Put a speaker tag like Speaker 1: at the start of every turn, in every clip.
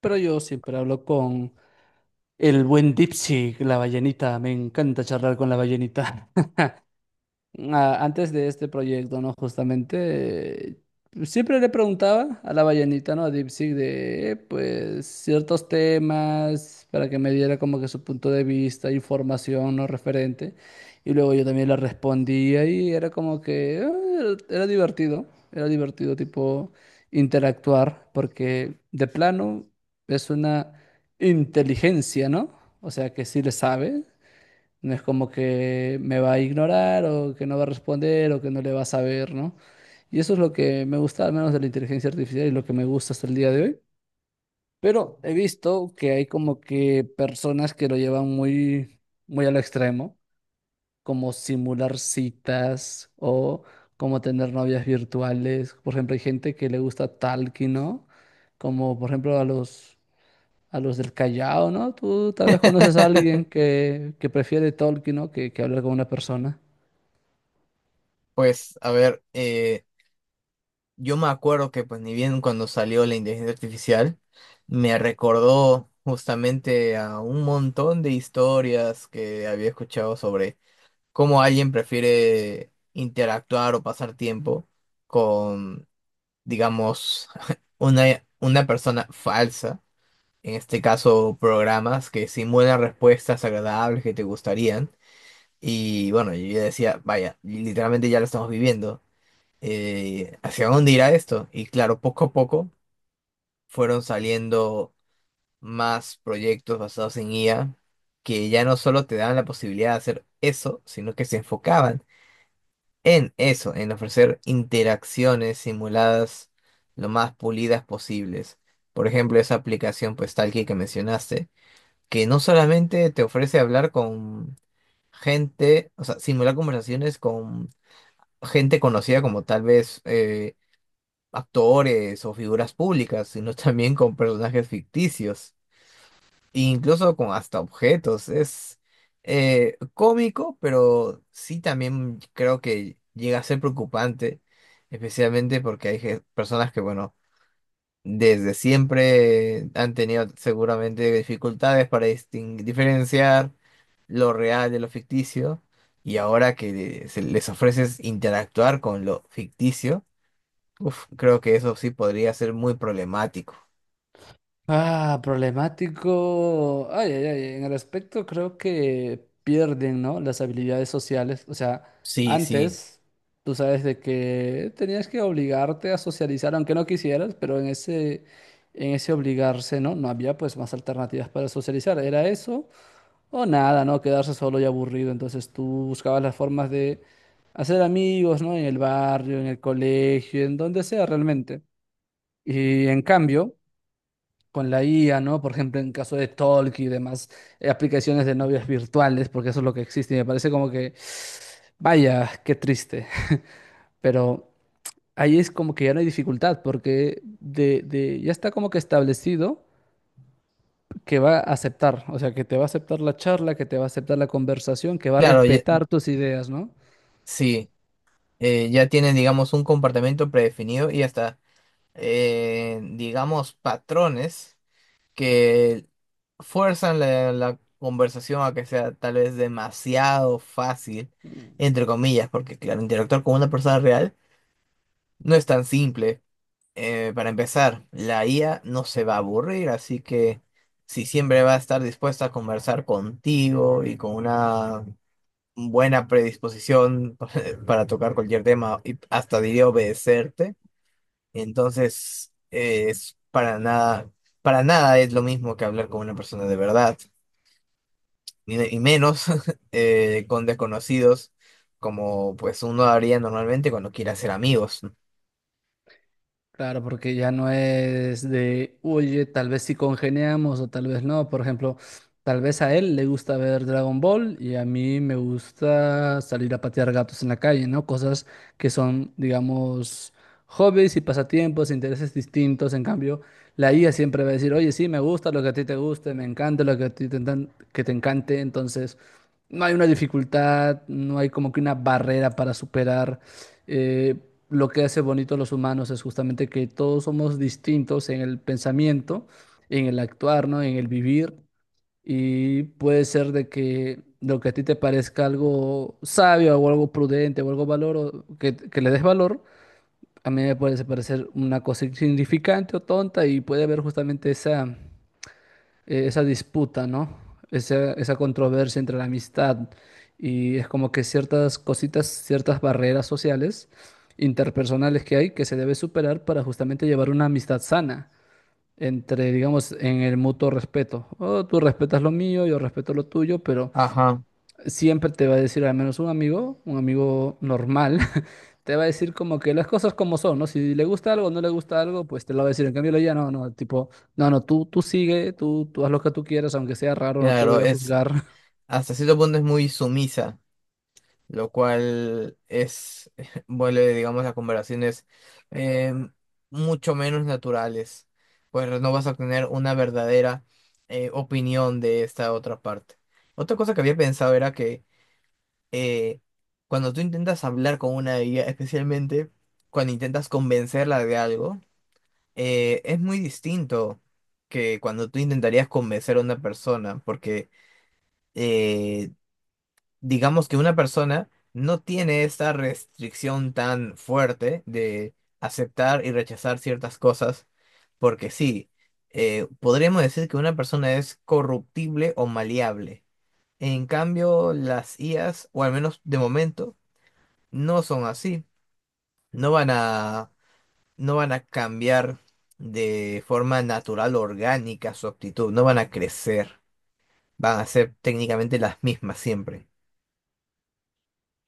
Speaker 1: Pero yo siempre hablo con el buen Dipsy, la ballenita. Me encanta charlar con la ballenita antes de este proyecto, ¿no? Justamente, siempre le preguntaba a la ballenita, ¿no? A DeepSeek de, pues, ciertos temas para que me diera como que su punto de vista, información, ¿no? Referente. Y luego yo también le respondía y era como que, era divertido, era divertido, tipo, interactuar, porque de plano es una inteligencia, ¿no? O sea, que sí le sabe. No es como que me va a ignorar o que no va a responder o que no le va a saber, ¿no? Y eso es lo que me gusta, al menos de la inteligencia artificial y lo que me gusta hasta el día de hoy. Pero he visto que hay como que personas que lo llevan muy, muy al extremo, como simular citas o como tener novias virtuales. Por ejemplo, hay gente que le gusta Talky, ¿no? Como por ejemplo a los del Callao, ¿no? Tú tal vez conoces a alguien que prefiere Tolkien, ¿no? Que hablar con una persona.
Speaker 2: Pues, a ver, yo me acuerdo pues, ni bien cuando salió la inteligencia artificial, me recordó justamente a un montón de historias que había escuchado sobre cómo alguien prefiere interactuar o pasar tiempo con, digamos, una persona falsa, en este caso, programas que simulan respuestas agradables que te gustarían. Y bueno, yo ya decía, vaya, literalmente ya lo estamos viviendo. ¿ ¿Hacia dónde irá esto? Y claro, poco a poco fueron saliendo más proyectos basados en IA que ya no solo te daban la posibilidad de hacer eso, sino que se enfocaban en eso, en ofrecer interacciones simuladas lo más pulidas posibles. Por ejemplo, esa aplicación pues Talkie que mencionaste, que no solamente te ofrece hablar con gente, o sea, simular conversaciones con gente conocida como tal vez actores o figuras públicas, sino también con personajes ficticios, e incluso con hasta objetos. Es cómico, pero sí también creo que llega a ser preocupante, especialmente porque hay personas que, bueno, desde siempre han tenido seguramente dificultades para diferenciar lo real de lo ficticio, y ahora que se les ofreces interactuar con lo ficticio, uf, creo que eso sí podría ser muy problemático.
Speaker 1: Ah, problemático. Ay, ay, ay. En el aspecto creo que pierden, ¿no? Las habilidades sociales. O sea,
Speaker 2: Sí, sí.
Speaker 1: antes tú sabes de que tenías que obligarte a socializar, aunque no quisieras, pero en ese obligarse, ¿no? No había pues más alternativas para socializar. Era eso o nada, ¿no? Quedarse solo y aburrido. Entonces tú buscabas las formas de hacer amigos, ¿no? En el barrio, en el colegio, en donde sea realmente. Y en cambio, con la IA, ¿no? Por ejemplo, en caso de Talk y demás aplicaciones de novias virtuales, porque eso es lo que existe. Y me parece como que, vaya, qué triste. Pero ahí es como que ya no hay dificultad, porque ya está como que establecido que va a aceptar, o sea, que te va a aceptar la charla, que te va a aceptar la conversación, que va a
Speaker 2: Claro.
Speaker 1: respetar tus ideas, ¿no?
Speaker 2: Sí. Ya tienen, digamos, un comportamiento predefinido y hasta, digamos, patrones que fuerzan la conversación a que sea tal vez demasiado fácil,
Speaker 1: Mm.
Speaker 2: entre comillas, porque, claro, interactuar con una persona real no es tan simple. Para empezar, la IA no se va a aburrir, así que si siempre va a estar dispuesta a conversar contigo y con una buena predisposición para tocar cualquier tema y hasta diría obedecerte, entonces es para nada es lo mismo que hablar con una persona de verdad, y menos con desconocidos como pues uno haría normalmente cuando quiere hacer amigos.
Speaker 1: Claro, porque ya no es de, oye, tal vez sí congeniamos o tal vez no. Por ejemplo, tal vez a él le gusta ver Dragon Ball y a mí me gusta salir a patear gatos en la calle, ¿no? Cosas que son, digamos, hobbies y pasatiempos, intereses distintos. En cambio, la IA siempre va a decir, oye, sí, me gusta lo que a ti te guste, me encanta lo que a ti te, que te encante. Entonces, no hay una dificultad, no hay como que una barrera para superar. Eh, lo que hace bonito a los humanos es justamente que todos somos distintos en el pensamiento, en el actuar, ¿no? En el vivir. Y puede ser de que lo que a ti te parezca algo sabio o algo prudente o algo valor o que le des valor, a mí me puede parecer una cosa insignificante o tonta y puede haber justamente esa disputa, ¿no? Esa controversia entre la amistad y es como que ciertas cositas, ciertas barreras sociales, interpersonales que hay que se debe superar para justamente llevar una amistad sana entre, digamos, en el mutuo respeto. Oh, tú respetas lo mío, yo respeto lo tuyo, pero
Speaker 2: Ajá.
Speaker 1: siempre te va a decir al menos un amigo normal, te va a decir como que las cosas como son, ¿no? Si le gusta algo o no le gusta algo, pues te lo va a decir. En cambio, ya no, no, tipo, no, no, tú sigue, tú haz lo que tú quieras, aunque sea raro, no te
Speaker 2: Claro,
Speaker 1: voy a
Speaker 2: es
Speaker 1: juzgar.
Speaker 2: hasta cierto punto es muy sumisa, lo cual es, vuelve, digamos, a conversaciones eh, mucho menos naturales, pues no vas a obtener una verdadera opinión de esta otra parte. Otra cosa que había pensado era que eh, cuando tú intentas hablar con una guía, especialmente cuando intentas convencerla de algo, es muy distinto que cuando tú intentarías convencer a una persona, porque... eh, digamos que una persona no tiene esta restricción tan fuerte de aceptar y rechazar ciertas cosas, porque sí, podríamos decir que una persona es corruptible o maleable. En cambio, las IAs, o al menos de momento, no son así. No van a, no van a cambiar de forma natural, orgánica su actitud, no van a crecer, van a ser técnicamente las mismas siempre.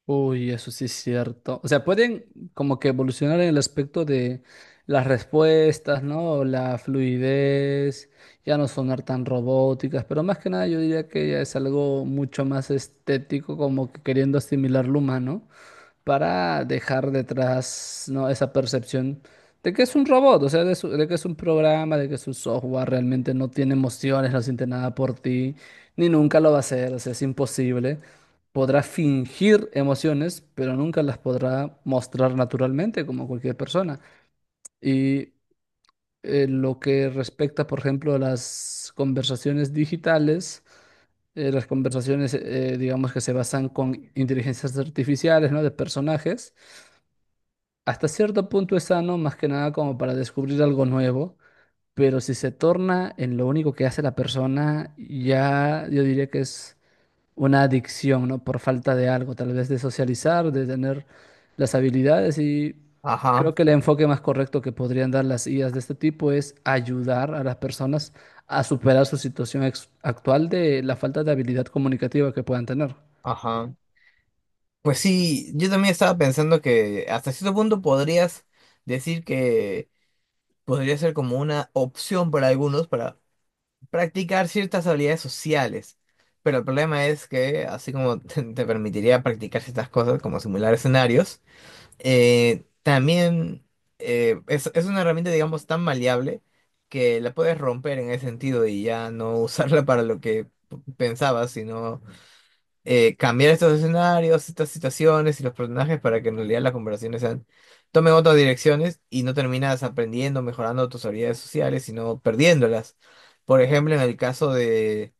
Speaker 1: Uy, eso sí es cierto. O sea, pueden como que evolucionar en el aspecto de las respuestas, ¿no? La fluidez, ya no sonar tan robóticas, pero más que nada yo diría que ya es algo mucho más estético, como que queriendo asimilar lo humano, para dejar detrás, ¿no? esa percepción de que es un robot, o sea, de, de que es un programa, de que es un software, realmente no tiene emociones, no siente nada por ti, ni nunca lo va a hacer, o sea, es imposible. Podrá fingir emociones, pero nunca las podrá mostrar naturalmente como cualquier persona. Y lo que respecta, por ejemplo, a las conversaciones digitales, las conversaciones, digamos, que se basan con inteligencias artificiales, ¿no? De personajes. Hasta cierto punto es sano, más que nada como para descubrir algo nuevo, pero si se torna en lo único que hace la persona, ya yo diría que es una adicción, ¿no? Por falta de algo, tal vez de socializar, de tener las habilidades, y
Speaker 2: Ajá,
Speaker 1: creo que el enfoque más correcto que podrían dar las IAs de este tipo es ayudar a las personas a superar su situación actual de la falta de habilidad comunicativa que puedan tener.
Speaker 2: ajá. Pues sí, yo también estaba pensando que hasta cierto punto podrías decir que podría ser como una opción para algunos para practicar ciertas habilidades sociales. Pero el problema es que, así como te permitiría practicar ciertas cosas, como simular escenarios, también es una herramienta, digamos, tan maleable que la puedes romper en ese sentido y ya no usarla para lo que pensabas, sino cambiar estos escenarios, estas situaciones y los personajes para que en realidad las conversaciones sean, tomen otras direcciones y no terminas aprendiendo, mejorando tus habilidades sociales, sino perdiéndolas. Por ejemplo, en el caso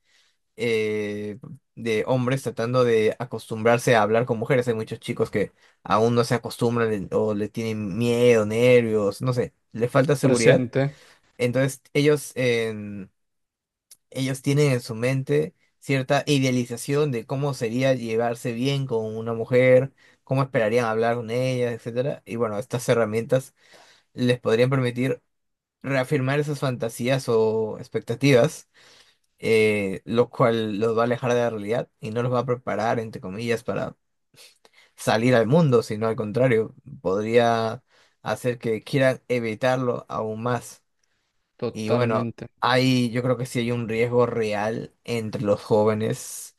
Speaker 2: eh, de hombres tratando de acostumbrarse a hablar con mujeres, hay muchos chicos que aún no se acostumbran o le tienen miedo, nervios, no sé, les falta seguridad.
Speaker 1: Presente,
Speaker 2: Entonces ellos tienen en su mente cierta idealización de cómo sería llevarse bien con una mujer, cómo esperarían hablar con ella, etcétera. Y bueno, estas herramientas les podrían permitir reafirmar esas fantasías o expectativas, lo cual los va a alejar de la realidad y no los va a preparar, entre comillas, para salir al mundo, sino al contrario, podría hacer que quieran evitarlo aún más. Y bueno,
Speaker 1: totalmente.
Speaker 2: hay, yo creo que sí hay un riesgo real entre los jóvenes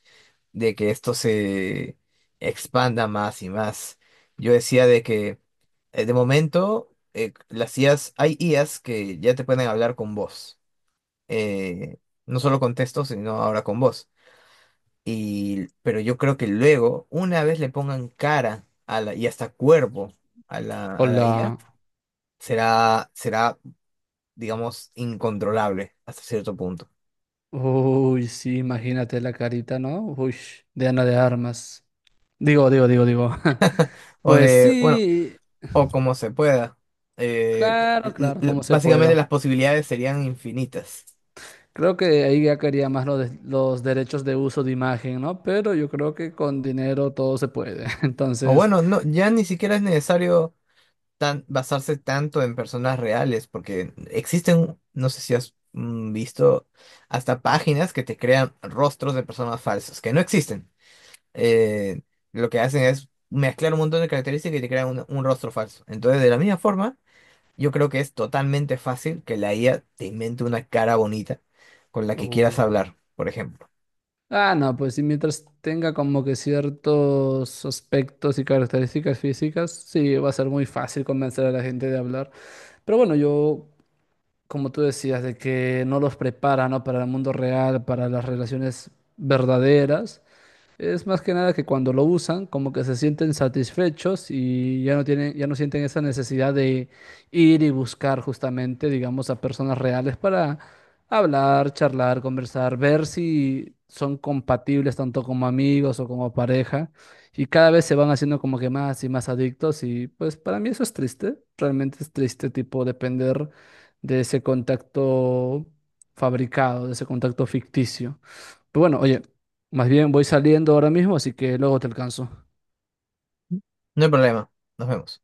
Speaker 2: de que esto se expanda más y más. Yo decía de que de momento las IAs, hay IAs que ya te pueden hablar con voz, eh, no solo con texto, sino ahora con voz. Y, pero yo creo que luego, una vez le pongan cara a la, y hasta cuerpo a la IA,
Speaker 1: Hola.
Speaker 2: será, será, digamos, incontrolable hasta cierto punto.
Speaker 1: Uy, sí, imagínate la carita, ¿no? Uy, de Ana de Armas. Digo, digo, digo, digo.
Speaker 2: O
Speaker 1: Pues
Speaker 2: de, bueno,
Speaker 1: sí,
Speaker 2: o como se pueda. Eh,
Speaker 1: claro, claro, como se
Speaker 2: básicamente
Speaker 1: pueda.
Speaker 2: las posibilidades serían infinitas.
Speaker 1: Creo que ahí ya quería más lo los derechos de uso de imagen, ¿no? Pero yo creo que con dinero todo se puede.
Speaker 2: O
Speaker 1: Entonces,
Speaker 2: bueno, no, ya ni siquiera es necesario tan, basarse tanto en personas reales, porque existen, no sé si has visto, hasta páginas que te crean rostros de personas falsas, que no existen. Eh, lo que hacen es mezclar un montón de características y te crean un rostro falso. Entonces, de la misma forma, yo creo que es totalmente fácil que la IA te invente una cara bonita con la que quieras
Speaker 1: uy.
Speaker 2: hablar, por ejemplo.
Speaker 1: Ah, no, pues sí, mientras tenga como que ciertos aspectos y características físicas, sí, va a ser muy fácil convencer a la gente de hablar. Pero bueno, yo como tú decías, de que no los prepara, ¿no? Para el mundo real, para las relaciones verdaderas. Es más que nada que cuando lo usan, como que se sienten satisfechos y ya no tienen, ya no sienten esa necesidad de ir y buscar justamente, digamos, a personas reales para hablar, charlar, conversar, ver si son compatibles tanto como amigos o como pareja. Y cada vez se van haciendo como que más y más adictos y pues para mí eso es triste, realmente es triste, tipo, depender de ese contacto fabricado, de ese contacto ficticio. Pero bueno, oye, más bien voy saliendo ahora mismo, así que luego te alcanzo.
Speaker 2: No hay problema. Nos vemos.